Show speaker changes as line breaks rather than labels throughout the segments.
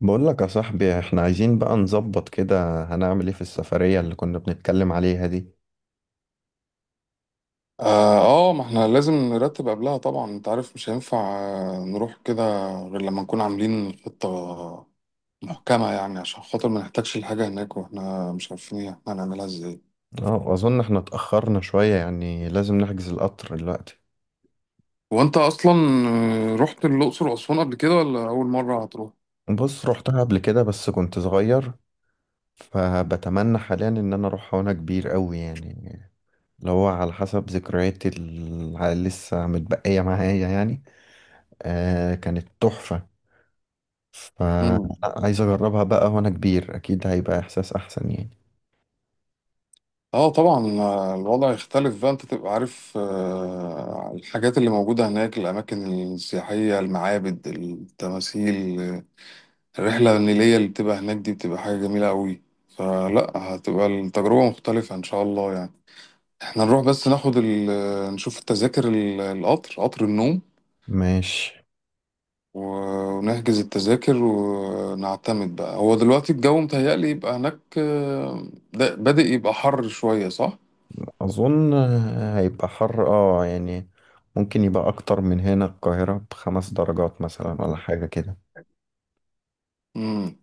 بقول لك يا صاحبي، احنا عايزين بقى نظبط كده. هنعمل ايه في السفرية اللي كنا بنتكلم عليها دي؟
اه ما احنا لازم نرتب قبلها طبعا، انت عارف مش هينفع نروح كده غير لما نكون عاملين خطة محكمة، يعني عشان خاطر ما نحتاجش الحاجة هناك واحنا مش عارفين احنا هنعملها ازاي.
اه، اظن احنا اتأخرنا شوية يعني لازم نحجز القطر دلوقتي.
وانت اصلا رحت الأقصر وأسوان قبل كده ولا أول مرة هتروح؟
بص، روحتها قبل كده بس كنت صغير. فبتمنى حاليا ان انا اروحها وانا كبير قوي يعني، اللي هو على حسب ذكرياتي اللي لسه متبقية معايا يعني. آه، كانت تحفة.
امم
فعايز اجربها بقى وانا كبير، اكيد هيبقى احساس احسن يعني.
اه، طبعا الوضع يختلف بقى، انت تبقى عارف الحاجات اللي موجودة هناك، الأماكن السياحية، المعابد، التماثيل. الرحلة النيلية اللي بتبقى هناك دي بتبقى حاجة جميلة قوي، فلا هتبقى التجربة مختلفة إن شاء الله يعني. احنا نروح بس ناخد نشوف التذاكر القطر، قطر النوم
ماشي.
ونحجز التذاكر ونعتمد بقى. هو دلوقتي الجو متهيألي يبقى هناك ده بادئ يبقى حر شوية صح؟
أظن هيبقى حر يعني. ممكن يبقى أكتر من هنا القاهرة ب5 درجات مثلا ولا حاجة كده.
مم.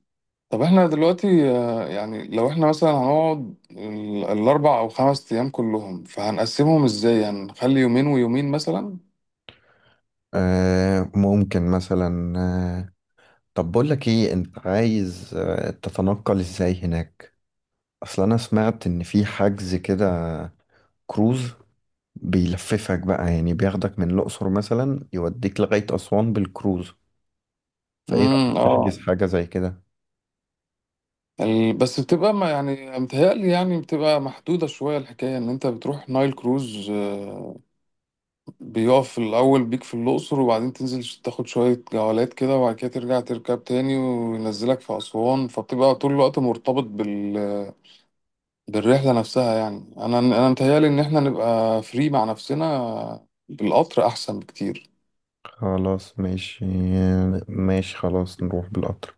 طب احنا دلوقتي يعني لو احنا مثلا هنقعد الأربع أو 5 أيام كلهم، فهنقسمهم ازاي؟ هنخلي يومين ويومين مثلا؟
ممكن مثلا. طب بقولك ايه، انت عايز تتنقل ازاي هناك؟ أصل أنا سمعت إن في حجز كده، كروز بيلففك بقى يعني بياخدك من الأقصر مثلا، يوديك لغاية أسوان بالكروز. فإيه رأيك؟ نحجز
اه،
حاجة زي كده.
بس بتبقى ما يعني متهيألي يعني بتبقى محدودة شوية الحكاية، إن أنت بتروح نايل كروز بيقف الأول بيك في الأقصر، وبعدين تنزل تاخد شوية جولات كده، وبعد كده ترجع تركب تاني وينزلك في أسوان، فبتبقى طول الوقت مرتبط بالرحلة نفسها. يعني أنا متهيألي إن إحنا نبقى فري مع نفسنا بالقطر أحسن بكتير.
خلاص ماشي، ماشي خلاص نروح بالقطر.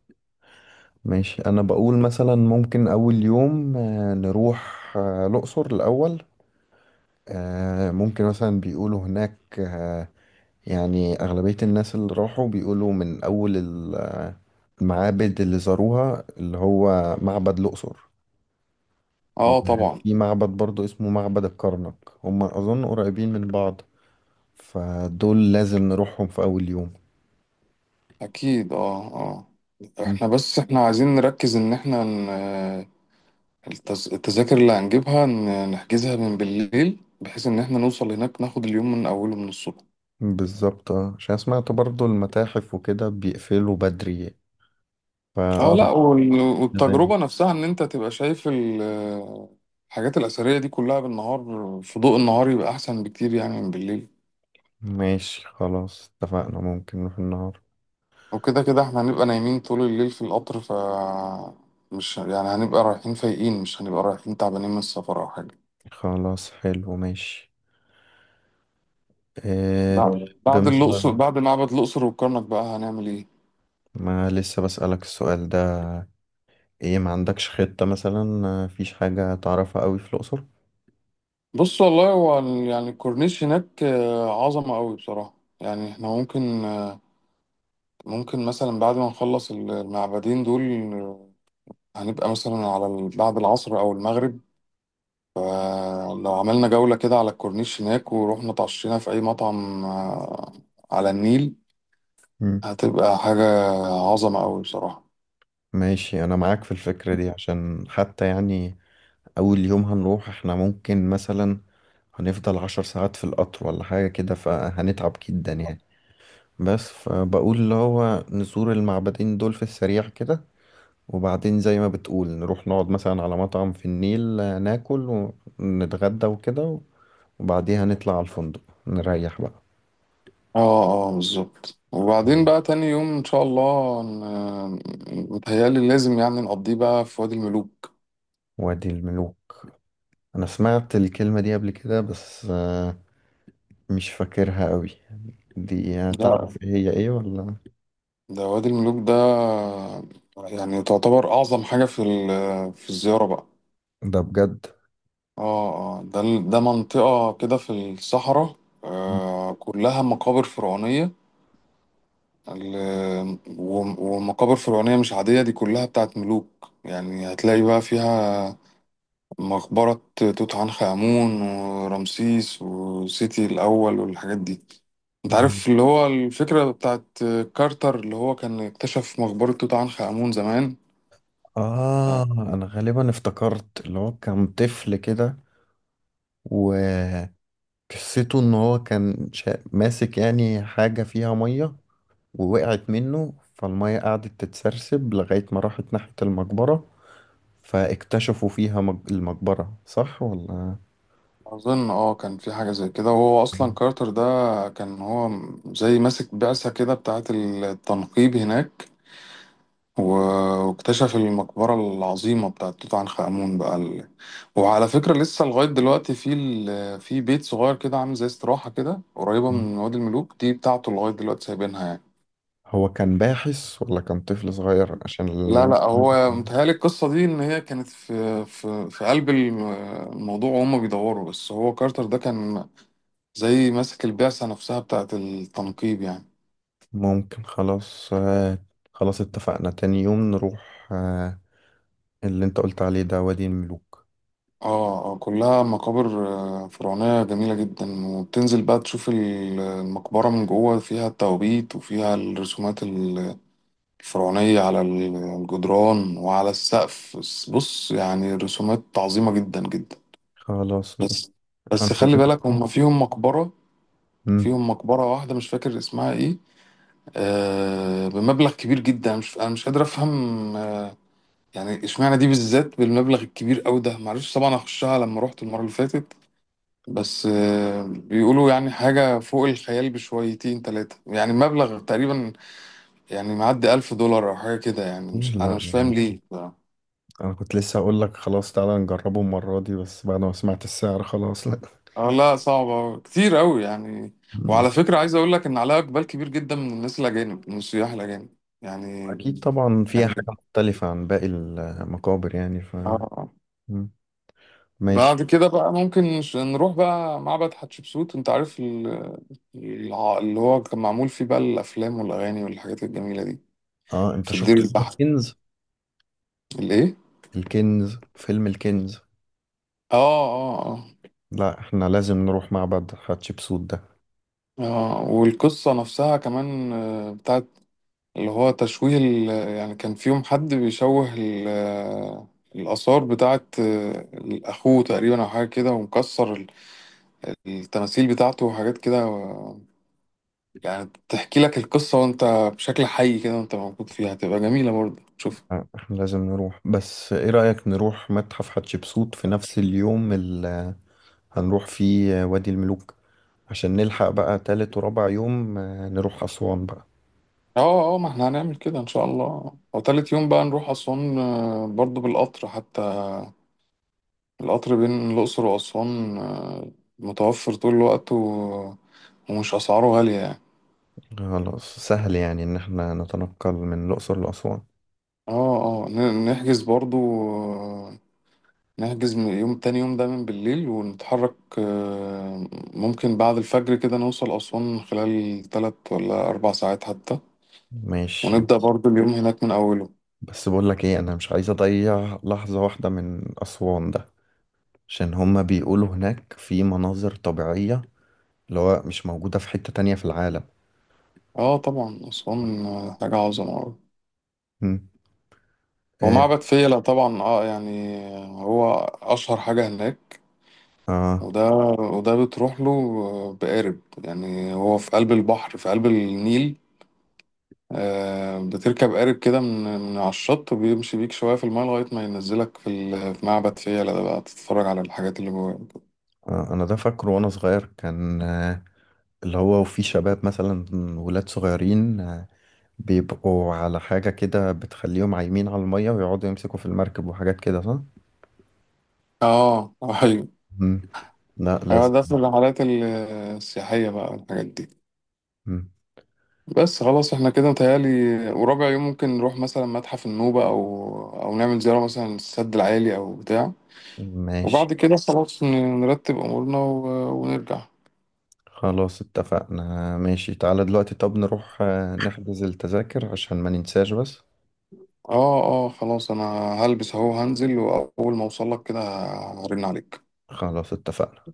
ماشي. انا بقول مثلا ممكن اول يوم نروح الاقصر الاول. ممكن مثلا بيقولوا هناك، يعني اغلبية الناس اللي راحوا بيقولوا من اول المعابد اللي زاروها، اللي هو معبد الاقصر.
أه، طبعا.
وفي معبد برضو اسمه معبد الكرنك. هما اظن قريبين من بعض، فدول لازم نروحهم في اول يوم.
أكيد، أه، أه.
مم.
إحنا عايزين نركز إن إحنا التذاكر اللي هنجيبها نحجزها من بالليل، بحيث ان احنا نوصل هناك ناخد اليوم من اوله من الصبح.
بالظبط، عشان سمعت برضو المتاحف وكده بيقفلوا بدري،
اه،
فاه
لا
لازم.
والتجربة نفسها ان انت تبقى شايف الحاجات الأثرية دي كلها بالنهار، في ضوء النهار يبقى احسن بكتير يعني من بالليل.
ماشي خلاص، اتفقنا ممكن نروح النهار.
وكده كده احنا هنبقى نايمين طول الليل في القطر، مش يعني هنبقى رايحين فايقين، مش هنبقى رايحين تعبانين من السفر او حاجة.
خلاص، حلو، ماشي. إيه؟
بعد
بمثلا،
الأقصر، بعد معبد الأقصر والكرنك بقى، هنعمل ايه؟
ما لسه بسألك السؤال ده. ايه، ما عندكش خطة مثلا؟ مفيش حاجة تعرفها قوي في الأقصر؟
بص والله هو يعني الكورنيش هناك عظمة قوي بصراحة. يعني احنا ممكن ممكن مثلا بعد ما نخلص المعبدين دول آه، هنبقى مثلا على بعد العصر أو المغرب، فلو عملنا جولة كده على الكورنيش هناك ورحنا اتعشينا في أي مطعم على النيل،
مم.
هتبقى حاجة عظمة قوي بصراحة.
ماشي، انا معاك في الفكرة دي، عشان حتى يعني اول يوم هنروح احنا ممكن مثلا هنفضل 10 ساعات في القطر ولا حاجة كده فهنتعب جدا يعني. بس فبقول اللي هو نزور المعبدين دول في السريع كده، وبعدين زي ما بتقول نروح نقعد مثلا على مطعم في النيل، ناكل ونتغدى وكده، وبعديها نطلع على الفندق نريح بقى.
اه، اه، بالظبط. وبعدين بقى تاني يوم ان شاء الله، متهيألي لازم يعني نقضيه بقى في وادي الملوك.
وادي الملوك. انا سمعت الكلمة دي قبل كده بس مش فاكرها قوي. دي
لا،
تعرف هي ايه ولا؟
ده وادي الملوك ده يعني تعتبر أعظم حاجة في في الزيارة بقى.
ده بجد؟
اه، اه، ده ده منطقة كده في الصحراء، كلها مقابر فرعونية. ومقابر فرعونية مش عادية، دي كلها بتاعت ملوك. يعني هتلاقي بقى فيها مقبرة توت عنخ آمون ورمسيس وسيتي الأول والحاجات دي. انت
ده-
عارف اللي هو الفكرة بتاعت كارتر اللي هو كان اكتشف مقبرة توت عنخ آمون زمان.
اه، انا غالبا افتكرت اللي هو كان طفل كده، وقصته ان هو كان ماسك يعني حاجة فيها مية ووقعت منه، فالمية قعدت تتسرسب لغاية ما راحت ناحية المقبرة، فاكتشفوا فيها المقبرة، صح ولا؟
أظن أه كان في حاجة زي كده. وهو أصلا كارتر ده كان هو زي ماسك بعثة كده بتاعة التنقيب هناك، واكتشف المقبرة العظيمة بتاعة توت عنخ آمون بقى وعلى فكرة لسه لغاية دلوقتي في في بيت صغير كده عامل زي استراحة كده قريبة من وادي الملوك دي بتاعته، لغاية دلوقتي سايبينها يعني.
هو كان باحث ولا كان طفل صغير؟ عشان اللي
لا، لا، هو متهيألي القصة دي إن هي كانت في في قلب الموضوع وهم بيدوروا، بس هو كارتر ده كان زي ماسك البعثة نفسها بتاعة التنقيب يعني.
ممكن. خلاص، خلاص اتفقنا تاني يوم نروح اللي انت قلت عليه ده، وادي الملوك.
اه، اه، كلها مقابر فرعونية جميلة جدا. وبتنزل بقى تشوف المقبرة من جوه، فيها التوابيت وفيها الرسومات الفرعونية على الجدران وعلى السقف. بص يعني رسومات عظيمة جدا جدا.
خلاص ماشي.
بس
انا
بس خلي
بقول.
بالك هم
مم.
فيهم مقبرة واحدة مش فاكر اسمها ايه، آه، بمبلغ كبير جدا. مش مش قادر أفهم يعني اشمعنى دي بالذات بالمبلغ الكبير قوي ده. معرفش طبعا اخشها لما رحت المره اللي فاتت، بس بيقولوا يعني حاجه فوق الخيال بشويتين تلاتة. يعني مبلغ تقريبا يعني معدي 1000 دولار او حاجه كده يعني.
إيه؟
مش
لا،
مش
انا
فاهم ليه ف-.
أنا كنت لسه اقول لك خلاص تعالى نجربه المرة دي، بس بعد ما سمعت السعر خلاص لا.
اه، لا، صعبه كتير قوي يعني.
مم.
وعلى فكره، عايز اقول لك ان عليها اقبال كبير جدا من الناس الاجانب، من السياح الاجانب يعني.
أكيد طبعا فيها
يعني،
حاجة مختلفة عن باقي المقابر يعني ف...
اه.
مم. ماشي.
بعد كده بقى ممكن نروح بقى معبد حتشبسوت. انت عارف اللي هو كان معمول فيه بقى الافلام والاغاني والحاجات الجميله دي،
اه، انت
في الدير
شفت فيلم
البحر.
الكنز؟
الايه؟
الكنز، فيلم الكنز.
اه، اه، اه،
لا، احنا لازم نروح معبد حتشبسوت ده.
اه. والقصه نفسها كمان بتاعت اللي هو تشويه يعني كان فيهم حد بيشوه الاثار بتاعت اخوه تقريبا او حاجه كده، ومكسر التماثيل بتاعته وحاجات كده يعني تحكي لك القصه، وانت بشكل حي كده وانت موجود فيها هتبقى جميله برضه، شوف.
آه، احنا لازم نروح. بس ايه رأيك نروح متحف حتشبسوت في نفس اليوم اللي هنروح فيه وادي الملوك، عشان نلحق بقى تالت ورابع يوم نروح أسوان بقى.
اه، اه، ما احنا هنعمل كده ان شاء الله. وتالت يوم بقى نروح اسوان برضو بالقطر حتى. القطر بين الاقصر واسوان متوفر طول الوقت، ومش اسعاره غالية يعني.
خلاص، سهل يعني ان احنا نتنقل من الأقصر لأسوان.
اه، اه، نحجز برضو آه، نحجز من يوم تاني يوم ده من بالليل، ونتحرك ممكن بعد الفجر كده، نوصل اسوان خلال 3 ولا 4 ساعات حتى.
ماشي.
ونبدأ برضو اليوم هناك من اوله.
بس بقول لك ايه، انا مش عايز اضيع لحظة واحدة من اسوان ده، عشان هما بيقولوا هناك في مناظر طبيعية اللي هو مش موجودة في حتة تانية في العالم.
اه طبعا اسوان حاجة عظمة أوي.
مم.
هو
إيه؟
معبد فيلة طبعا، اه يعني هو اشهر حاجة هناك.
آه.
وده وده بتروح له بقارب، يعني هو في قلب البحر، في قلب النيل بتركب قارب كده، من على الشط، وبيمشي بيك شوية في الماء لغاية ما ينزلك في في معبد فيلة ده بقى، تتفرج على الحاجات اللي جواه.
آه. انا ده فاكره وانا صغير كان اللي هو وفي شباب مثلا، ولاد صغيرين بيبقوا على حاجة كده بتخليهم عايمين على المية ويقعدوا يمسكوا في المركب وحاجات كده، صح؟
اه، ايوه،
مم. لا، لازم.
ده في الرحلات السياحية بقى الحاجات دي.
مم.
بس خلاص احنا كده متهيألي. ورابع يوم ممكن نروح مثلا متحف النوبة، أو نعمل زيارة مثلا للسد العالي أو بتاع.
ماشي.
وبعد كده خلاص نرتب امورنا ونرجع.
خلاص اتفقنا، ماشي. تعالى دلوقتي طب نروح نحجز التذاكر عشان ما ننساش بس.
اه، اه، خلاص انا هلبس اهو، هنزل واول ما اوصل لك كده هرن عليك.
خلاص اتفقنا.